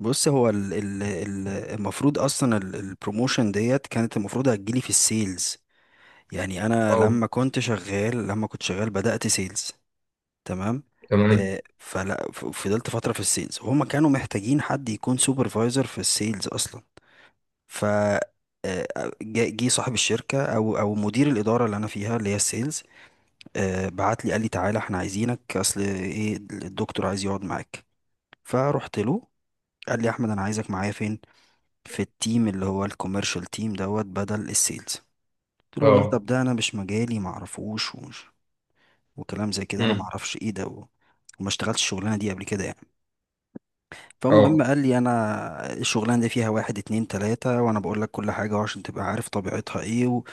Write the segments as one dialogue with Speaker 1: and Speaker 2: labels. Speaker 1: بص، هو ال المفروض اصلا البروموشن ديت كانت المفروض هتجيلي في السيلز. يعني انا
Speaker 2: اه.
Speaker 1: لما كنت شغال بدأت سيلز. تمام.
Speaker 2: تمام.
Speaker 1: فضلت فترة في السيلز وهما كانوا محتاجين حد يكون سوبرفايزر في السيلز اصلا. ف آه، جه جه صاحب الشركة او مدير الإدارة اللي انا فيها اللي هي السيلز. بعت لي قال لي: تعالى، احنا عايزينك، اصل ايه الدكتور عايز يقعد معاك. فروحت له. قال لي: احمد، انا عايزك معايا فين؟ في التيم اللي هو الكوميرشال تيم دوت بدل السيلز. قلت له: والله طب
Speaker 2: اه.
Speaker 1: ده انا مش مجالي معرفوش ومش، وكلام زي كده انا
Speaker 2: امم.
Speaker 1: معرفش ايه ده وما اشتغلتش الشغلانه دي قبل كده يعني. فالمهم
Speaker 2: اه.
Speaker 1: قال لي: انا الشغلانه دي فيها واحد اتنين تلاته وانا بقول لك كل حاجه عشان تبقى عارف طبيعتها ايه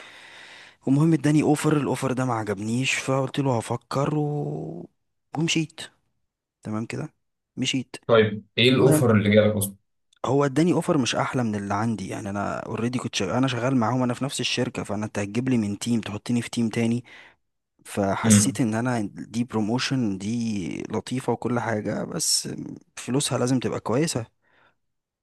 Speaker 1: ومهم اداني اوفر. الاوفر ده ما عجبنيش، فقلت له هفكر ومشيت. تمام كده، مشيت.
Speaker 2: طيب، ايه
Speaker 1: المهم،
Speaker 2: الاوفر اللي جالك اصلا؟
Speaker 1: هو اداني اوفر مش احلى من اللي عندي. يعني انا اوريدي كنت شغال، انا شغال معاهم، انا في نفس الشركه، فانا انت هتجيب لي من تيم تحطني في تيم تاني. فحسيت
Speaker 2: امم.
Speaker 1: ان انا دي بروموشن دي لطيفه وكل حاجه، بس فلوسها لازم تبقى كويسه.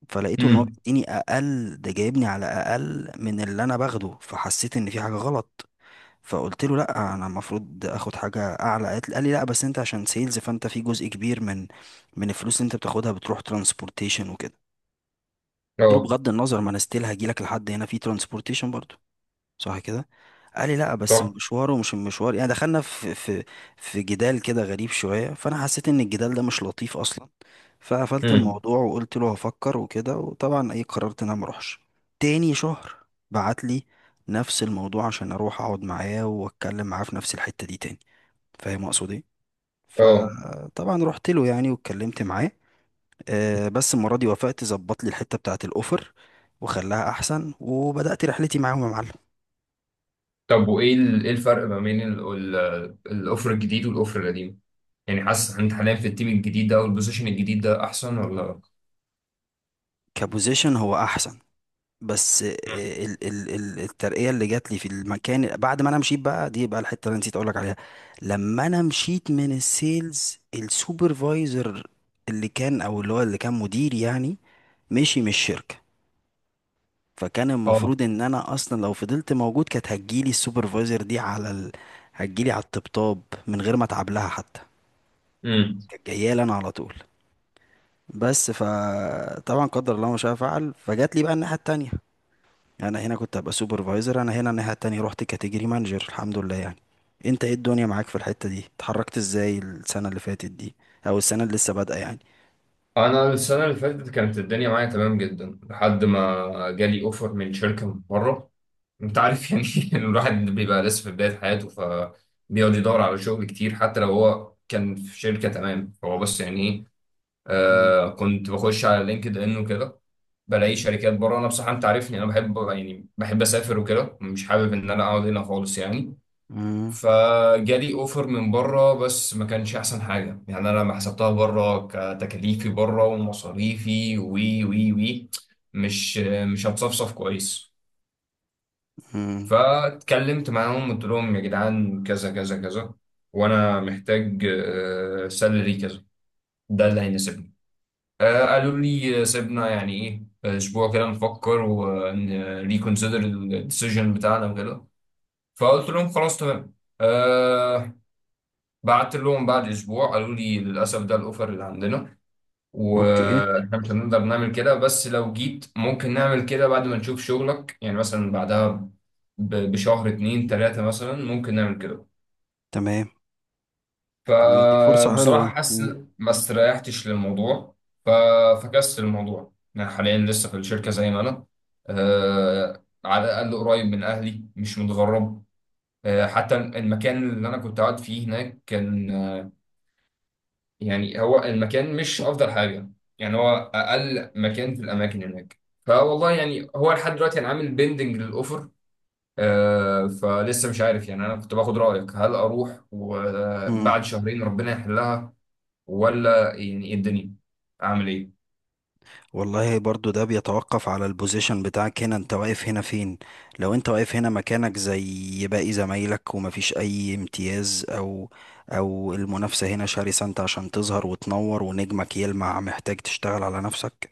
Speaker 1: فلقيته ان هو
Speaker 2: امم.
Speaker 1: بيديني اقل، ده جايبني على اقل من اللي انا باخده، فحسيت ان في حاجه غلط. فقلت له: لا، انا المفروض اخد حاجه اعلى. قال لي: لا بس انت عشان سيلز، فانت في جزء كبير من الفلوس اللي انت بتاخدها بتروح ترانسبورتيشن وكده. قلت له:
Speaker 2: اه.
Speaker 1: بغض النظر، ما انا ستيل هجيلك لحد هنا في ترانسبورتيشن برضو، صح كده؟ قال لي: لا بس
Speaker 2: صح.
Speaker 1: المشوار ومش المشوار. يعني دخلنا في في في جدال كده غريب شوية، فانا حسيت ان الجدال ده مش لطيف اصلا. فقفلت
Speaker 2: امم.
Speaker 1: الموضوع وقلت له هفكر وكده، وطبعا ايه قررت ان انا ما اروحش. تاني شهر بعت لي نفس الموضوع عشان اروح اقعد معاه واتكلم معاه في نفس الحتة دي تاني، فاهم اقصد ايه؟
Speaker 2: اه.
Speaker 1: فطبعا رحت له يعني واتكلمت معاه. بس المرة دي وافقت، ظبط لي الحتة بتاعة الأوفر وخلاها أحسن، وبدأت رحلتي معاهم يا معلم.
Speaker 2: طب وايه ايه الفرق ما بين الاوفر الجديد والاوفر القديم؟ يعني حاسس انت حاليا في التيم الجديد ده او البوزيشن الجديد ده احسن ولا؟
Speaker 1: كبوزيشن هو أحسن، بس
Speaker 2: مم.
Speaker 1: ال ال ال الترقية اللي جات لي في المكان بعد ما أنا مشيت بقى، دي بقى الحتة اللي أنا نسيت أقولك عليها. لما أنا مشيت من السيلز، السوبرفايزر اللي كان، أو اللي هو اللي كان مدير يعني، مشي من الشركة. فكان
Speaker 2: اه.
Speaker 1: المفروض ان انا اصلا لو فضلت موجود كانت هتجيلي السوبرفايزر دي على هتجيلي على الطبطاب من غير ما اتعب لها حتى،
Speaker 2: امم.
Speaker 1: كانت جايه لي انا على طول. بس فطبعا قدر الله ما شاء فعل، فجات لي بقى الناحيه التانية. يعني انا هنا كنت هبقى سوبرفايزر، انا هنا الناحيه التانية رحت كاتيجوري مانجر، الحمد لله يعني. انت ايه الدنيا معاك في الحته دي؟ اتحركت ازاي السنه اللي فاتت دي او السنه اللي لسه بادئه يعني؟
Speaker 2: انا السنه اللي فاتت كانت الدنيا معايا تمام جدا لحد ما جالي اوفر من شركه من بره. انت عارف يعني إن الواحد بيبقى لسه في بداية حياته، فبيقعد يدور على شغل كتير حتى لو هو كان في شركة تمام، هو بس يعني ايه.
Speaker 1: مم.
Speaker 2: كنت بخش على لينكد ان وكده، بلاقي شركات بره. انا بصراحة، انت عارفني، انا بحب يعني بحب اسافر وكده، مش حابب ان انا اقعد هنا خالص يعني.
Speaker 1: مم.
Speaker 2: فجالي اوفر من بره، بس ما كانش احسن حاجة. يعني انا لما حسبتها بره، كتكاليفي بره ومصاريفي وي وي وي، مش مش هتصفصف كويس.
Speaker 1: مم.
Speaker 2: فاتكلمت معاهم، قلت لهم يا جدعان كذا كذا كذا، وانا محتاج سالري كذا، ده اللي هيناسبني. قالوا لي سيبنا يعني ايه اسبوع كده نفكر ونريكونسيدر الديسيجن بتاعنا وكده. فقلت لهم خلاص تمام. أه. بعت لهم بعد اسبوع، قالوا لي للاسف ده الاوفر اللي عندنا،
Speaker 1: اوكي.
Speaker 2: واحنا مش هنقدر نعمل كده، بس لو جيت ممكن نعمل كده بعد ما نشوف شغلك، يعني مثلا بعدها بشهر 2 3 مثلا ممكن نعمل كده.
Speaker 1: تمام. طب ما دي فرصه
Speaker 2: فبصراحة
Speaker 1: حلوه.
Speaker 2: حاسس
Speaker 1: مم.
Speaker 2: إن ما استريحتش للموضوع. ففكست الموضوع. أنا حاليا لسه في الشركة زي ما أنا. أه، على الأقل قريب من أهلي، مش متغرب. أه، حتى المكان اللي أنا كنت قاعد فيه هناك كان يعني هو المكان مش افضل حاجه، يعني هو اقل مكان في الاماكن هناك. فوالله يعني هو لحد دلوقتي انا عامل بيندنج للاوفر. فلسه مش عارف. يعني انا كنت باخد رايك، هل اروح
Speaker 1: مم.
Speaker 2: وبعد شهرين ربنا يحلها، ولا يعني ايه الدنيا، اعمل ايه؟
Speaker 1: والله برضو ده بيتوقف على البوزيشن بتاعك، هنا انت واقف هنا فين؟ لو انت واقف هنا مكانك زي باقي زمايلك ومفيش اي امتياز، او المنافسة هنا شرسة، انت عشان تظهر وتنور ونجمك يلمع محتاج تشتغل على نفسك.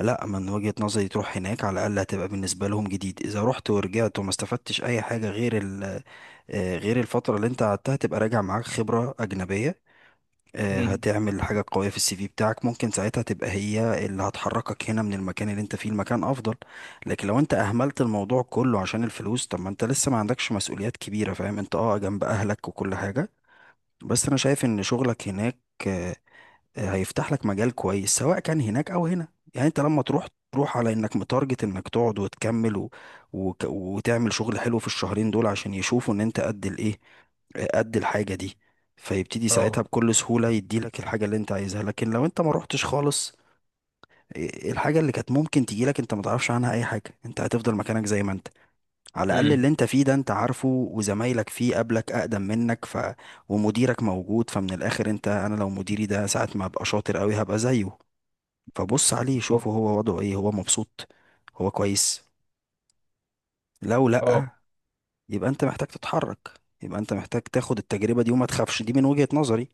Speaker 1: لا، من وجهة نظري تروح هناك، على الاقل هتبقى بالنسبة لهم جديد. اذا رحت ورجعت وما استفدتش اي حاجة غير ال، غير الفترة اللي انت قعدتها، تبقى راجع معاك خبرة اجنبية.
Speaker 2: امم.
Speaker 1: هتعمل حاجة قوية في السي في بتاعك، ممكن ساعتها تبقى هي اللي هتحركك هنا من المكان اللي انت فيه لمكان افضل. لكن لو انت اهملت الموضوع كله عشان الفلوس، طب ما انت لسه ما عندكش مسؤوليات كبيرة فاهم؟ انت اه جنب اهلك وكل حاجة، بس انا شايف ان شغلك هناك آه، هيفتح لك مجال كويس، سواء كان هناك او هنا. يعني انت لما تروح، تروح على انك متارجت انك تقعد وتكمل وتعمل شغل حلو في الشهرين دول عشان يشوفوا ان انت قد الايه، قد الحاجة دي. فيبتدي ساعتها
Speaker 2: اه.
Speaker 1: بكل سهولة يديلك الحاجة اللي انت عايزها. لكن لو انت ما روحتش خالص، الحاجة اللي كانت ممكن تجيلك انت ما تعرفش عنها اي حاجة، انت هتفضل مكانك زي ما انت. على الأقل اللي
Speaker 2: امم.
Speaker 1: أنت فيه ده أنت عارفه وزمايلك فيه قبلك أقدم منك، ومديرك موجود. فمن الآخر أنت، أنا لو مديري ده ساعة ما أبقى شاطر أوي هبقى زيه. فبص عليه شوفه، هو وضعه إيه؟ هو مبسوط؟ هو كويس؟ لو
Speaker 2: اه.
Speaker 1: لأ، يبقى أنت محتاج تتحرك. يبقى أنت محتاج تاخد التجربة دي وما تخافش. دي من وجهة نظري.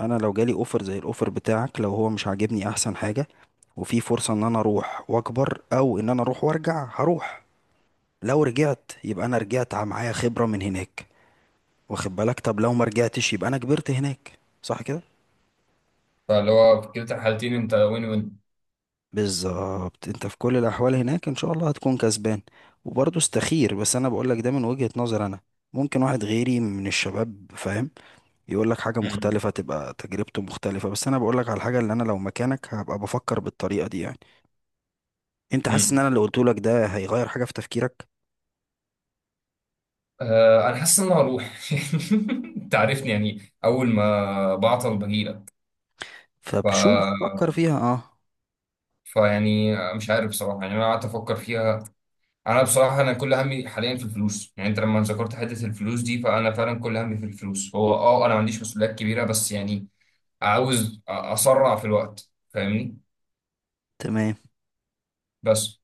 Speaker 1: أنا لو جالي أوفر زي الأوفر بتاعك، لو هو مش عاجبني أحسن حاجة، وفي فرصة إن أنا أروح وأكبر أو إن أنا أروح وأرجع، هروح. لو رجعت يبقى أنا رجعت معايا خبرة من هناك، واخد بالك؟ طب لو ما رجعتش، يبقى انا كبرت هناك صح كده؟
Speaker 2: فاللي هو في كلتا الحالتين انت وين وين.
Speaker 1: بالظبط، انت في كل الاحوال هناك ان شاء الله هتكون كسبان. وبرضه استخير، بس انا بقول لك ده من وجهة نظر انا. ممكن واحد غيري من الشباب فاهم يقول لك حاجة
Speaker 2: امم.
Speaker 1: مختلفة، تبقى تجربته مختلفة، بس انا بقول لك على الحاجة اللي انا لو مكانك هبقى بفكر بالطريقة دي يعني. انت حاسس ان
Speaker 2: امم.
Speaker 1: انا اللي قلته لك ده هيغير حاجة في تفكيرك؟
Speaker 2: انا حاسس ان انا هروح. انت عارفني، يعني اول ما بعطل بجيلك.
Speaker 1: فبشوف فكر فيها اه.
Speaker 2: فيعني مش عارف بصراحة. يعني أنا قعدت أفكر فيها. أنا بصراحة أنا كل همي حاليا في الفلوس. يعني أنت لما ذكرت حتة الفلوس دي، فأنا فعلا كل همي في الفلوس. هو أه أنا ما عنديش مسؤوليات كبيرة، بس يعني عاوز أسرع في الوقت، فاهمني؟
Speaker 1: تمام.
Speaker 2: بس.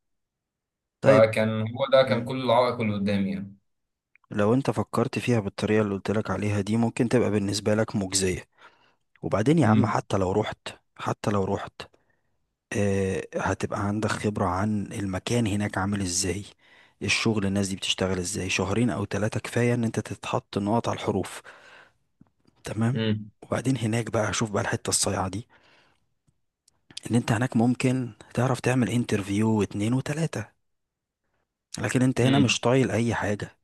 Speaker 1: طيب.
Speaker 2: فكان هو ده كان
Speaker 1: مم.
Speaker 2: كل العائق اللي قدامي يعني.
Speaker 1: لو انت فكرت فيها بالطريقة اللي قلت لك عليها دي ممكن تبقى بالنسبة لك مجزية. وبعدين يا عم
Speaker 2: امم.
Speaker 1: حتى لو رحت، حتى لو رحت آه هتبقى عندك خبرة عن المكان هناك عامل ازاي، الشغل الناس دي بتشتغل ازاي. شهرين او ثلاثة كفاية ان انت تتحط نقط على الحروف، تمام.
Speaker 2: امم.
Speaker 1: وبعدين هناك بقى، شوف بقى الحتة الصايعة دي، ان انت هناك ممكن تعرف تعمل انترفيو واتنين وتلاتة، لكن انت هنا
Speaker 2: امم.
Speaker 1: مش طايل اي حاجة.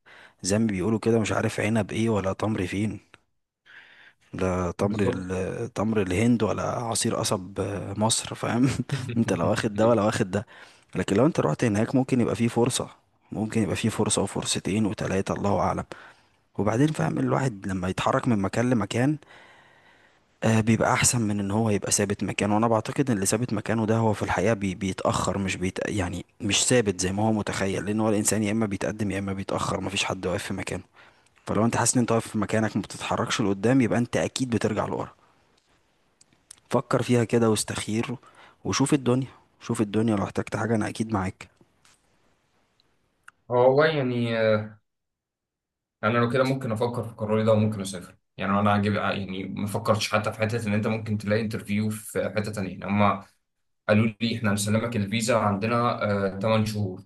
Speaker 1: زي ما بيقولوا كده، مش عارف عنب ايه ولا تمر فين. لا،
Speaker 2: بالظبط.
Speaker 1: تمر الهند ولا عصير قصب مصر، فاهم؟ انت لا واخد ده ولا واخد ده. لكن لو انت رحت هناك ممكن يبقى فيه فرصة. ممكن يبقى فيه فرصة وفرصتين وتلاتة، الله أعلم. وبعدين فاهم، الواحد لما يتحرك من مكان لمكان آه بيبقى أحسن من إن هو يبقى ثابت مكانه. وأنا بعتقد إن اللي ثابت مكانه ده هو في الحقيقة بيتأخر، مش يعني مش ثابت زي ما هو متخيل، لأن هو الإنسان يا إما بيتقدم يا إما بيتأخر، مفيش حد واقف في مكانه. فلو أنت حاسس إن أنت واقف في مكانك ما بتتحركش لقدام، يبقى أنت أكيد بترجع لورا. فكر فيها كده واستخير، وشوف الدنيا. شوف الدنيا، لو احتجت حاجة أنا أكيد معاك.
Speaker 2: هو والله يعني أنا لو كده ممكن أفكر في قراري ده وممكن أسافر. يعني أنا عاجب، يعني ما فكرتش حتى في حتة إن أنت ممكن تلاقي انترفيو في حتة تانية. هم قالوا لي احنا هنسلمك الفيزا عندنا آه 8 شهور،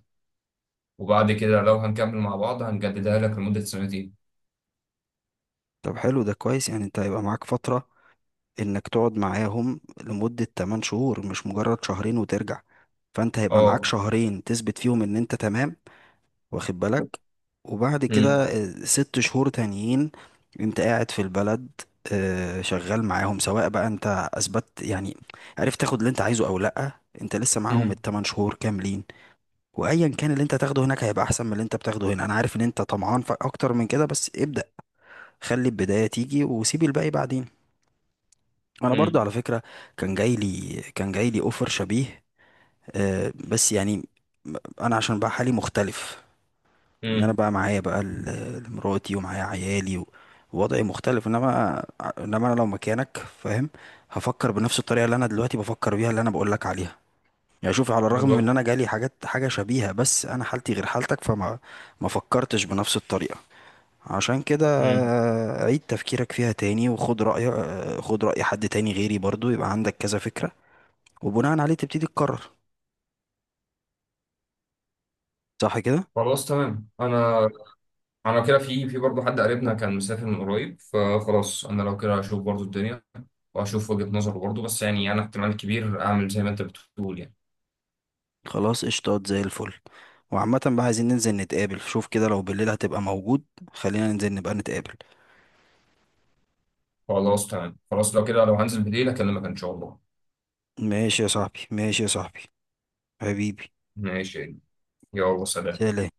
Speaker 2: وبعد كده لو هنكمل مع بعض هنجددها لك لمدة سنتين.
Speaker 1: طب حلو، ده كويس. يعني أنت هيبقى معاك فترة إنك تقعد معاهم لمدة 8 شهور مش مجرد شهرين وترجع. فأنت هيبقى معاك
Speaker 2: اه.
Speaker 1: شهرين تثبت فيهم إن أنت تمام، واخد بالك. وبعد كده
Speaker 2: امم.
Speaker 1: ست شهور تانيين أنت قاعد في البلد، شغال معاهم. سواء بقى أنت أثبت يعني، عرفت تاخد اللي أنت عايزه أو لأ، أنت لسه معاهم
Speaker 2: امم.
Speaker 1: التمن شهور كاملين. وايا كان اللي انت هتاخده هناك هيبقى احسن من اللي انت بتاخده هنا. انا عارف ان انت طمعان في اكتر من كده، بس ابدأ. خلي البداية تيجي وسيب الباقي بعدين. انا برضو
Speaker 2: امم.
Speaker 1: على فكرة كان جاي لي اوفر شبيه، بس يعني انا عشان بقى حالي مختلف، ان انا
Speaker 2: امم.
Speaker 1: بقى معايا بقى مراتي ومعايا عيالي ووضعي مختلف. انما انا لو مكانك فاهم هفكر بنفس الطريقة اللي انا دلوقتي بفكر بيها اللي انا بقول لك عليها. يعني شوف، على الرغم من ان
Speaker 2: بالظبط.
Speaker 1: انا جالي حاجات حاجة شبيهة، بس انا حالتي غير حالتك، ما فكرتش بنفس الطريقة. عشان كده
Speaker 2: امم.
Speaker 1: عيد تفكيرك فيها تاني وخد رأي، خد رأي حد تاني غيري برضو، يبقى عندك كذا فكرة. وبناء عليه تبتدي تقرر، صح كده؟
Speaker 2: خلاص تمام. انا كده في برضه حد قريبنا كان مسافر من قريب، فخلاص انا لو كده هشوف برضه الدنيا وهشوف وجهة نظره برضه، بس يعني انا احتمال كبير اعمل زي ما انت بتقول يعني.
Speaker 1: خلاص قشطات زي الفل. وعامة بقى عايزين ننزل نتقابل، شوف كده لو بالليل هتبقى موجود خلينا ننزل نبقى نتقابل.
Speaker 2: خلاص تمام، خلاص. لو كده، لو هنزل بالليل اكلمك ان شاء الله.
Speaker 1: ماشي يا صاحبي، ماشي يا صاحبي، حبيبي.
Speaker 2: ماشي. يلا سلام.
Speaker 1: سلام.